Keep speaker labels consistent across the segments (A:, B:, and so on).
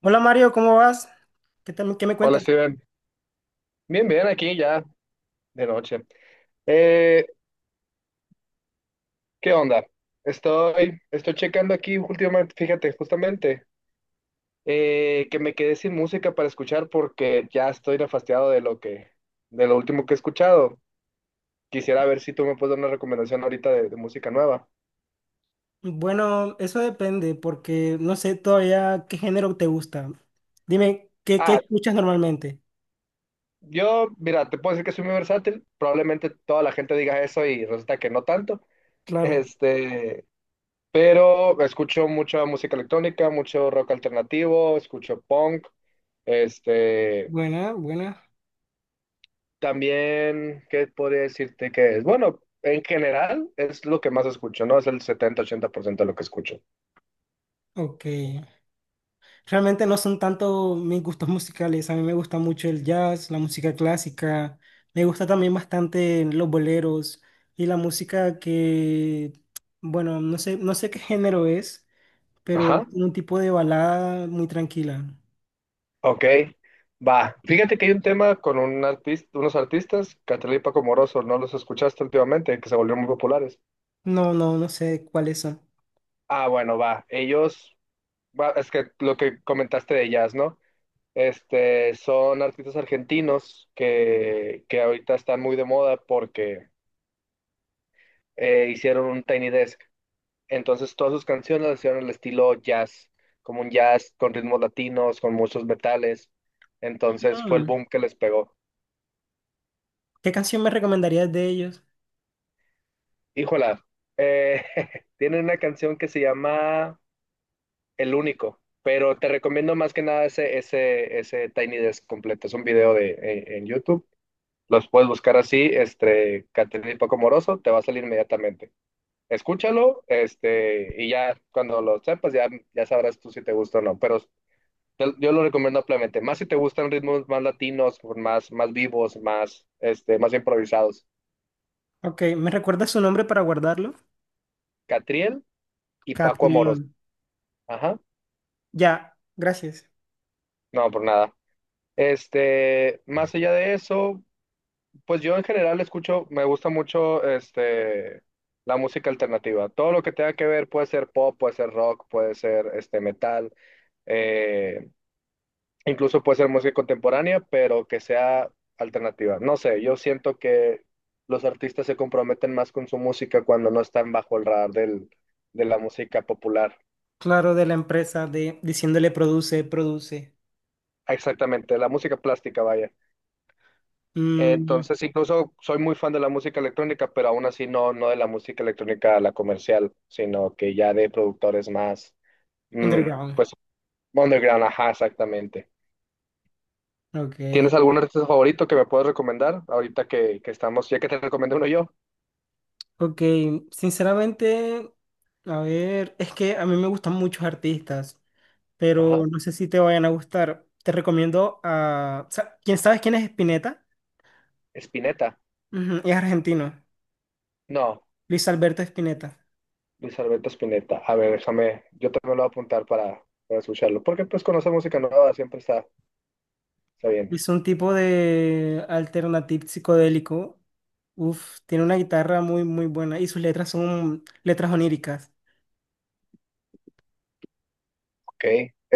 A: Hola Mario, ¿cómo vas? ¿Qué me
B: Hola
A: cuentas?
B: Steven, bien, bien, aquí ya de noche. Eh, ¿Qué onda? Estoy checando aquí últimamente, fíjate, justamente, que me quedé sin música para escuchar porque ya estoy nefastiado de lo último que he escuchado. Quisiera ver si tú me puedes dar una recomendación ahorita de música nueva.
A: Bueno, eso depende porque no sé todavía qué género te gusta. Dime, ¿qué
B: Ah,
A: escuchas normalmente?
B: yo, mira, te puedo decir que soy muy versátil, probablemente toda la gente diga eso y resulta que no tanto.
A: Claro,
B: Este, pero escucho mucha música electrónica, mucho rock alternativo, escucho punk. Este,
A: buena, buena.
B: también, ¿qué podría decirte que es? Bueno, en general es lo que más escucho, ¿no? Es el 70-80% de lo que escucho.
A: Ok. Realmente no son tanto mis gustos musicales. A mí me gusta mucho el jazz, la música clásica. Me gusta también bastante los boleros y la música que, bueno, no sé qué género es, pero es
B: Ajá.
A: un tipo de balada muy tranquila.
B: Ok, va. Fíjate que hay un tema con unos artistas, Catriel y Paco Moroso, ¿no los escuchaste últimamente? Que se volvieron muy populares.
A: No, no, no sé cuáles son.
B: Ah, bueno, va. Ellos, va, es que lo que comentaste de ellas, ¿no? Son artistas argentinos que ahorita están muy de moda porque hicieron un Tiny Desk. Entonces todas sus canciones las hicieron al estilo jazz, como un jazz con ritmos latinos, con muchos metales. Entonces fue el
A: Mm.
B: boom que les pegó.
A: ¿Qué canción me recomendarías de ellos?
B: Híjola, eh, tienen una canción que se llama El Único, pero te recomiendo más que nada ese Tiny Desk completo. Es un video en YouTube. Los puedes buscar así, Caterina y Paco Moroso, te va a salir inmediatamente. Escúchalo, y ya cuando lo sepas, ya sabrás tú si te gusta o no. Pero yo lo recomiendo ampliamente, más si te gustan ritmos más latinos, más vivos, más, más improvisados.
A: Ok, ¿me recuerdas su nombre para guardarlo?
B: Catriel y Paco Amoros.
A: Catrión.
B: Ajá,
A: Ya, gracias.
B: no, por nada. Más allá de eso, pues yo en general escucho, me gusta mucho la música alternativa. Todo lo que tenga que ver puede ser pop, puede ser rock, puede ser metal, eh, Incluso puede ser música contemporánea, pero que sea alternativa. No sé, yo siento que los artistas se comprometen más con su música cuando no están bajo el radar de la música popular.
A: Claro, de la empresa de diciéndole produce, produce.
B: Exactamente, la música plástica, vaya.
A: Mm.
B: Entonces, incluso soy muy fan de la música electrónica, pero aún así no de la música electrónica, la comercial, sino que ya de productores más, mm,
A: Underground.
B: pues, underground, ajá, exactamente.
A: Ok,
B: ¿Tienes algún artista favorito que me puedas recomendar ahorita que estamos, ya que te recomiendo uno yo?
A: ok. Sinceramente, a ver, es que a mí me gustan muchos artistas,
B: Ajá.
A: pero no sé si te vayan a gustar. Te recomiendo a. ¿Quién sabes quién es Spinetta?
B: Spinetta.
A: Ujú, es argentino.
B: No,
A: Luis Alberto Spinetta.
B: Luis Alberto Spinetta. A ver, déjame, yo también lo voy a apuntar para escucharlo, porque pues conocer música nueva siempre está bien.
A: Hizo un tipo de alternative psicodélico. Uf, tiene una guitarra muy, muy buena y sus letras son letras oníricas.
B: Ok,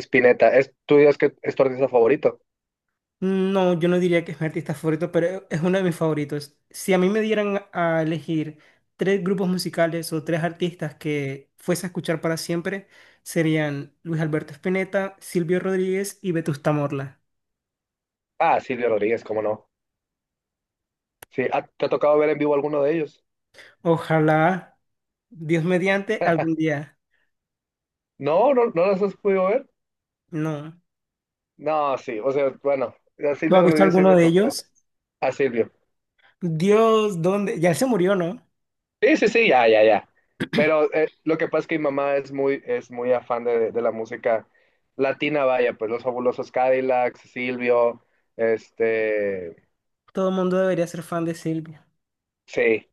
B: Spinetta. ¿Tú dirías que es tu artista favorito?
A: No, yo no diría que es mi artista favorito, pero es uno de mis favoritos. Si a mí me dieran a elegir tres grupos musicales o tres artistas que fuese a escuchar para siempre, serían Luis Alberto Spinetta, Silvio Rodríguez y Vetusta Morla.
B: Ah, Silvio Rodríguez, cómo no. Sí, ¿te ha tocado ver en vivo alguno de ellos?
A: Ojalá, Dios mediante, algún día.
B: No, no, no los has podido ver.
A: No.
B: No, sí, o sea, bueno, a
A: ¿Tú has
B: Silvio
A: visto
B: Rodríguez sí
A: alguno
B: me
A: de
B: tocó.
A: ellos?
B: A Silvio.
A: Dios, ¿dónde? Ya él se murió, ¿no?
B: Sí, sí, sí, ya, ya, ya. Pero lo que pasa es que mi mamá es muy afán de la música latina, vaya, pues los fabulosos Cadillacs, Silvio, este,
A: Todo el mundo debería ser fan de Silvia.
B: sí.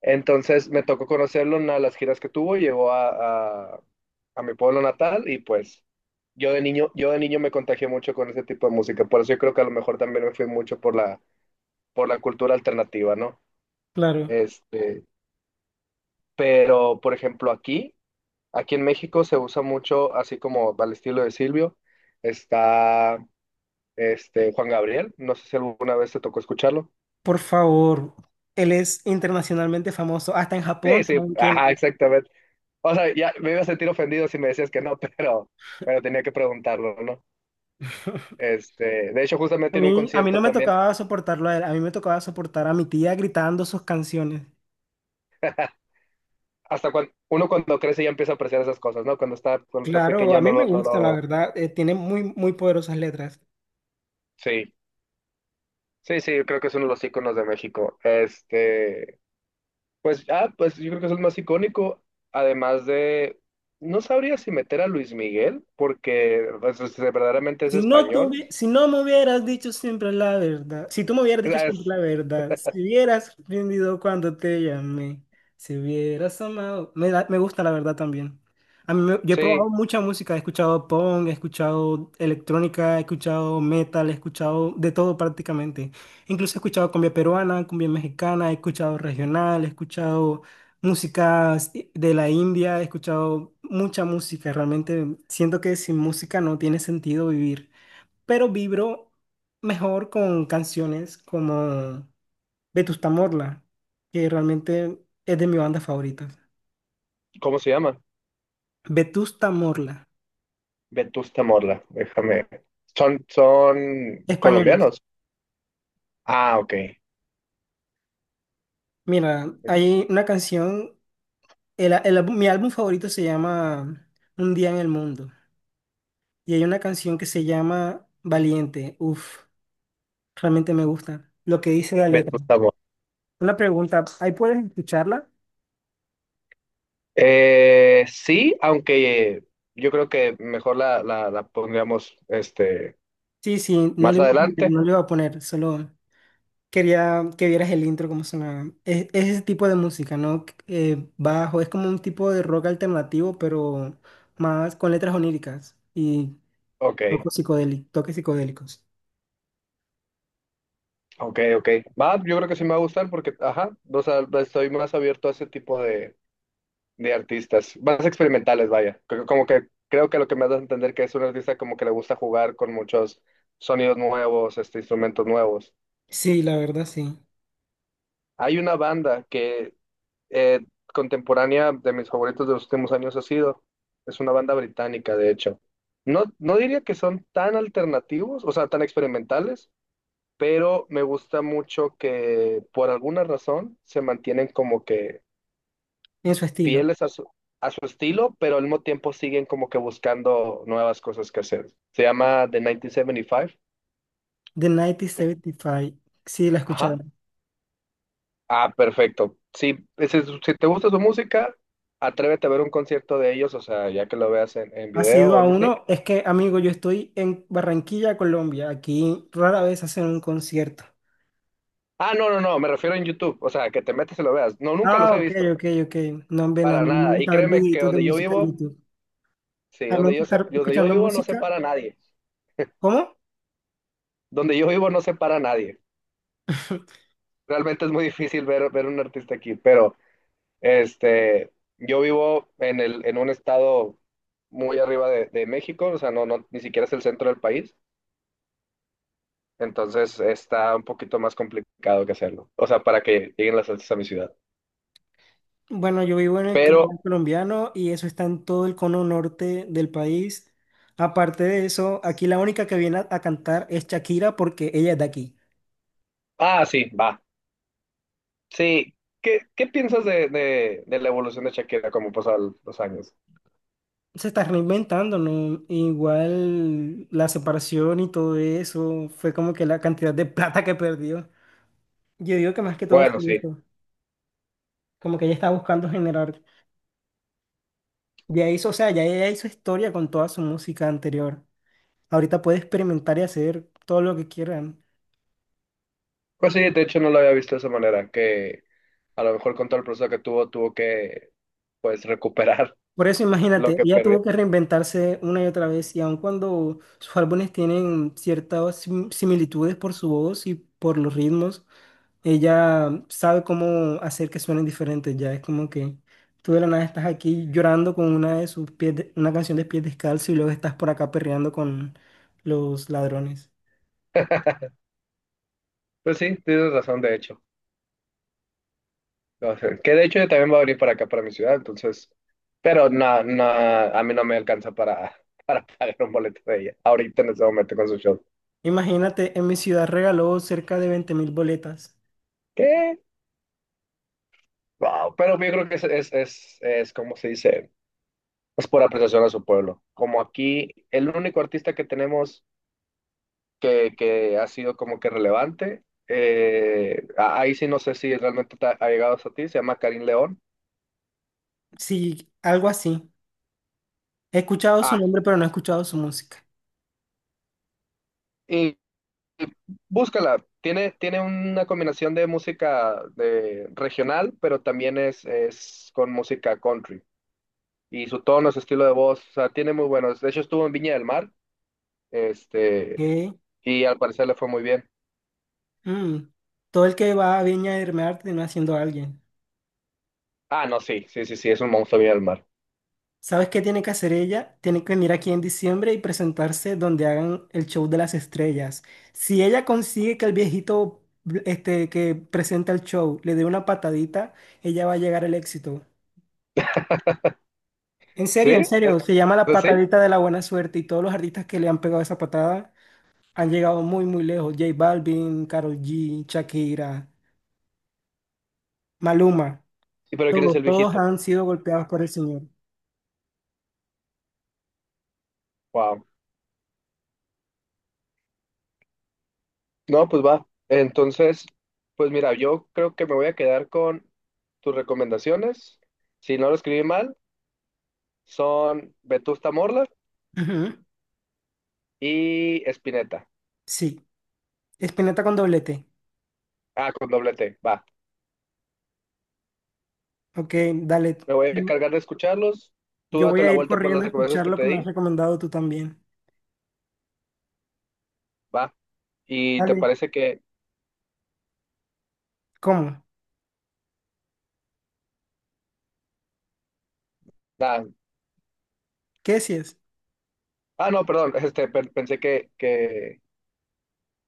B: Entonces me tocó conocerlo en una de las giras que tuvo, llegó a mi pueblo natal y pues yo de niño me contagié mucho con ese tipo de música, por eso yo creo que a lo mejor también me fui mucho por la cultura alternativa, ¿no?
A: Claro,
B: Este, pero por ejemplo aquí en México se usa mucho, así como al estilo de Silvio, está este Juan Gabriel. No sé si alguna vez te tocó escucharlo.
A: por favor. Él es internacionalmente famoso. Hasta en Japón,
B: Sí, sí,
A: ¿saben quién
B: ajá,
A: es?
B: exactamente. O sea, ya me iba a sentir ofendido si me decías que no, pero tenía que preguntarlo, ¿no? De hecho,
A: A
B: justamente en un
A: mí, a mí
B: concierto
A: no me
B: también,
A: tocaba soportarlo a él. A mí me tocaba soportar a mi tía gritando sus canciones.
B: hasta cuando uno cuando crece ya empieza a apreciar esas cosas, ¿no? Cuando está
A: Claro, a
B: pequeño no
A: mí me
B: lo, no
A: gusta, la
B: lo,
A: verdad. Tiene muy, muy poderosas letras.
B: sí. Sí, sí, yo creo que es uno de los íconos de México. Pues yo creo que es el más icónico, además de, no sabría si meter a Luis Miguel, porque pues, verdaderamente es
A: Si no
B: español.
A: tuvi- si no me hubieras dicho siempre la verdad, si tú me hubieras
B: Es-
A: dicho siempre
B: es-
A: la verdad, si hubieras rendido cuando te llamé, si hubieras amado, me gusta la verdad también. Yo he
B: sí,
A: probado mucha música, he escuchado punk, he escuchado electrónica, he escuchado metal, he escuchado de todo prácticamente. Incluso he escuchado cumbia peruana, cumbia mexicana, he escuchado regional, he escuchado músicas de la India, he escuchado mucha música, realmente siento que sin música no tiene sentido vivir, pero vibro mejor con canciones como Vetusta Morla, que realmente es de mi banda favorita.
B: ¿cómo se llama?
A: Vetusta Morla,
B: Vetusta Morla, déjame. Son
A: españoles.
B: colombianos. Ah, ok.
A: Mira, hay una canción, mi álbum favorito se llama Un día en el mundo, y hay una canción que se llama Valiente. Uf, realmente me gusta lo que dice la letra.
B: Vetusta Morla.
A: Una pregunta, ¿ahí puedes escucharla?
B: Sí, aunque yo creo que mejor la pondríamos
A: Sí, sí, no
B: más
A: le iba a poner,
B: adelante.
A: no le iba a poner, solo... Quería que vieras el intro, cómo sonaba. Es ese tipo de música, ¿no? Bajo, es como un tipo de rock alternativo, pero más con letras oníricas y
B: Ok.
A: toques psicodélicos, toques psicodélicos.
B: Ok, ok. Va, yo creo que sí me va a gustar porque, ajá, o sea, estoy más abierto a ese tipo de artistas, más experimentales, vaya. Como que creo que lo que me das a entender que es un artista como que le gusta jugar con muchos sonidos nuevos, instrumentos nuevos.
A: Sí, la verdad, sí.
B: Hay una banda que eh, contemporánea de mis favoritos de los últimos años ha sido, es una banda británica, de hecho. No diría que son tan alternativos, o sea, tan experimentales pero me gusta mucho que por alguna razón se mantienen como que
A: En su estilo.
B: fieles a su estilo, pero al mismo tiempo siguen como que buscando nuevas cosas que hacer. Se llama The 1975.
A: The 1975. Sí, la he escuchado.
B: Ajá. Ah, perfecto. Sí, si te gusta su música, atrévete a ver un concierto de ellos, o sea, ya que lo veas en
A: Ha
B: video
A: sido
B: o
A: a
B: algo así.
A: uno. Es que, amigo, yo estoy en Barranquilla, Colombia. Aquí rara vez hacen un concierto.
B: Ah, no, no, no, me refiero en YouTube, o sea, que te metes y lo veas. No, nunca los
A: Ah,
B: he
A: ok,
B: visto,
A: ok, ok. No, hombre, no, a
B: para
A: mí no me
B: nada. Y
A: gusta ver
B: créeme que
A: videitos de
B: donde yo
A: música en
B: vivo,
A: YouTube.
B: sí,
A: A mí me
B: donde
A: gusta
B: yo sé,
A: estar
B: donde yo
A: escuchando
B: vivo no se
A: música.
B: para nadie.
A: ¿Cómo?
B: Donde yo vivo no se para nadie. Realmente es muy difícil ver un artista aquí, pero este, yo vivo en un estado muy arriba de México, o sea, no, no, ni siquiera es el centro del país, entonces está un poquito más complicado que hacerlo, o sea, para que lleguen las artes a mi ciudad.
A: Bueno, yo vivo en el Caribe
B: Pero,
A: colombiano y eso está en todo el cono norte del país. Aparte de eso, aquí la única que viene a cantar es Shakira porque ella es de aquí.
B: sí, va, sí. ¿Qué piensas de la evolución de Shakira como pasan los años?
A: Se está reinventando, ¿no? Igual la separación y todo eso fue como que la cantidad de plata que perdió. Yo digo que más que todo
B: Bueno,
A: fue
B: sí.
A: eso, como que ella está buscando generar. Ya hizo, o sea, ya ella hizo historia con toda su música anterior. Ahorita puede experimentar y hacer todo lo que quiera.
B: Pues sí, de hecho no lo había visto de esa manera, que a lo mejor con todo el proceso que tuvo, tuvo que pues recuperar
A: Por eso
B: lo
A: imagínate,
B: que
A: ella
B: perdí.
A: tuvo que reinventarse una y otra vez y aun cuando sus álbumes tienen ciertas similitudes por su voz y por los ritmos, ella sabe cómo hacer que suenen diferentes. Ya es como que tú de la nada estás aquí llorando con una de sus pies, una canción de pies descalzos y luego estás por acá perreando con los ladrones.
B: Pues sí, tienes razón, de hecho. O sea, que de hecho yo también voy a venir para acá, para mi ciudad, entonces, pero a mí no me alcanza para, para pagar un boleto de ella, ahorita en este momento con su show.
A: Imagínate, en mi ciudad regaló cerca de 20.000 boletas.
B: ¿Qué? Wow, pero yo creo que es como se dice, es por apreciación a su pueblo. Como aquí, el único artista que tenemos que ha sido como que relevante, ahí sí no sé si realmente te ha llegado a ti, se llama Karim León.
A: Sí, algo así. He escuchado su
B: Ah,
A: nombre, pero no he escuchado su música.
B: búscala, tiene una combinación de música de, regional, pero también es con música country. Y su tono, su estilo de voz, o sea, tiene muy buenos. De hecho, estuvo en Viña del Mar, este, y al parecer le fue muy bien.
A: Mm. Todo el que va a Viña del Mar termina siendo alguien.
B: Ah, no, sí, sí, sí, sí, es un monstruo Viña del Mar.
A: ¿Sabes qué tiene que hacer ella? Tiene que venir aquí en diciembre y presentarse donde hagan el show de las estrellas. Si ella consigue que el viejito este, que presenta el show le dé una patadita, ella va a llegar al éxito. En
B: ¿Sí? ¿Eh?
A: serio, se llama la
B: Pues sí,
A: patadita de la buena suerte y todos los artistas que le han pegado esa patada han llegado muy, muy lejos. J Balvin, Karol G, Shakira, Maluma,
B: ¿y pero quién es
A: todos,
B: el
A: todos
B: viejito?
A: han sido golpeados por el señor.
B: Wow. No, pues va. Entonces, pues mira, yo creo que me voy a quedar con tus recomendaciones. Si no lo escribí mal, son Vetusta Morla
A: Ujú.
B: y Espineta.
A: Sí. Espineta con doblete.
B: Ah, con doble T, va.
A: Ok, dale.
B: Me voy a encargar de escucharlos. Tú
A: Yo voy
B: date
A: a
B: la
A: ir
B: vuelta por
A: corriendo
B: las
A: a
B: recomendaciones
A: escuchar
B: que
A: lo
B: te
A: que me has
B: di,
A: recomendado tú también.
B: va. Y te
A: Dale.
B: parece que.
A: ¿Cómo?
B: Ah,
A: ¿Qué si es?
B: no, perdón, pensé que, que,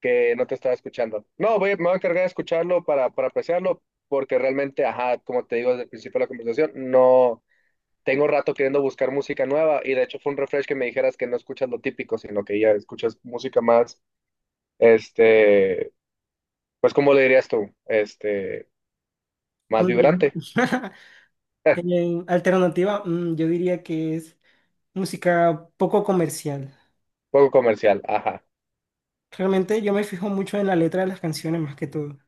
B: que no te estaba escuchando. No, me voy a encargar de escucharlo para, apreciarlo, porque realmente, ajá, como te digo desde el principio de la conversación, no tengo rato queriendo buscar música nueva y de hecho fue un refresh que me dijeras que no escuchas lo típico, sino que ya escuchas música más, este, pues, ¿cómo le dirías tú? Más vibrante.
A: En alternativa, yo diría que es música poco comercial.
B: Poco comercial, ajá.
A: Realmente yo me fijo mucho en la letra de las canciones más que todo,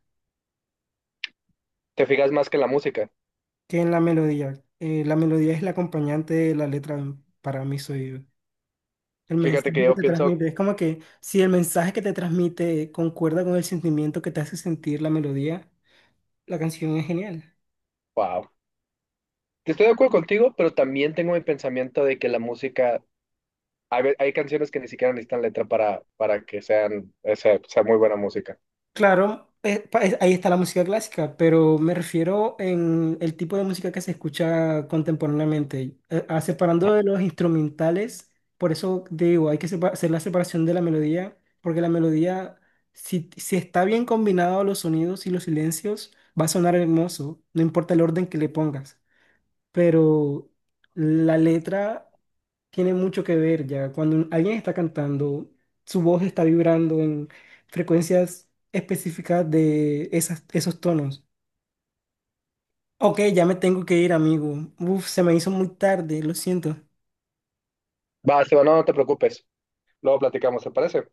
B: Te fijas más que en la música.
A: que en la melodía. La melodía es la acompañante de la letra, para mí soy. El
B: Fíjate que
A: mensaje que
B: yo
A: te
B: pienso,
A: transmite, es como que si el mensaje que te transmite concuerda con el sentimiento que te hace sentir la melodía, la canción es genial.
B: wow. Estoy de acuerdo contigo, pero también tengo mi pensamiento de que la música, hay canciones que ni siquiera necesitan letra para, que sean, sea muy buena música.
A: Claro, ahí está la música clásica, pero me refiero en el tipo de música que se escucha contemporáneamente. Separando de los instrumentales, por eso digo, hay que hacer la separación de la melodía, porque la melodía, si está bien combinado los sonidos y los silencios, va a sonar hermoso, no importa el orden que le pongas, pero la letra tiene mucho que ver ya. Cuando alguien está cantando, su voz está vibrando en frecuencias específicas de esas, esos tonos. Ok, ya me tengo que ir, amigo. Uf, se me hizo muy tarde, lo siento.
B: Va, Esteban, no, no te preocupes. Luego platicamos, ¿te parece?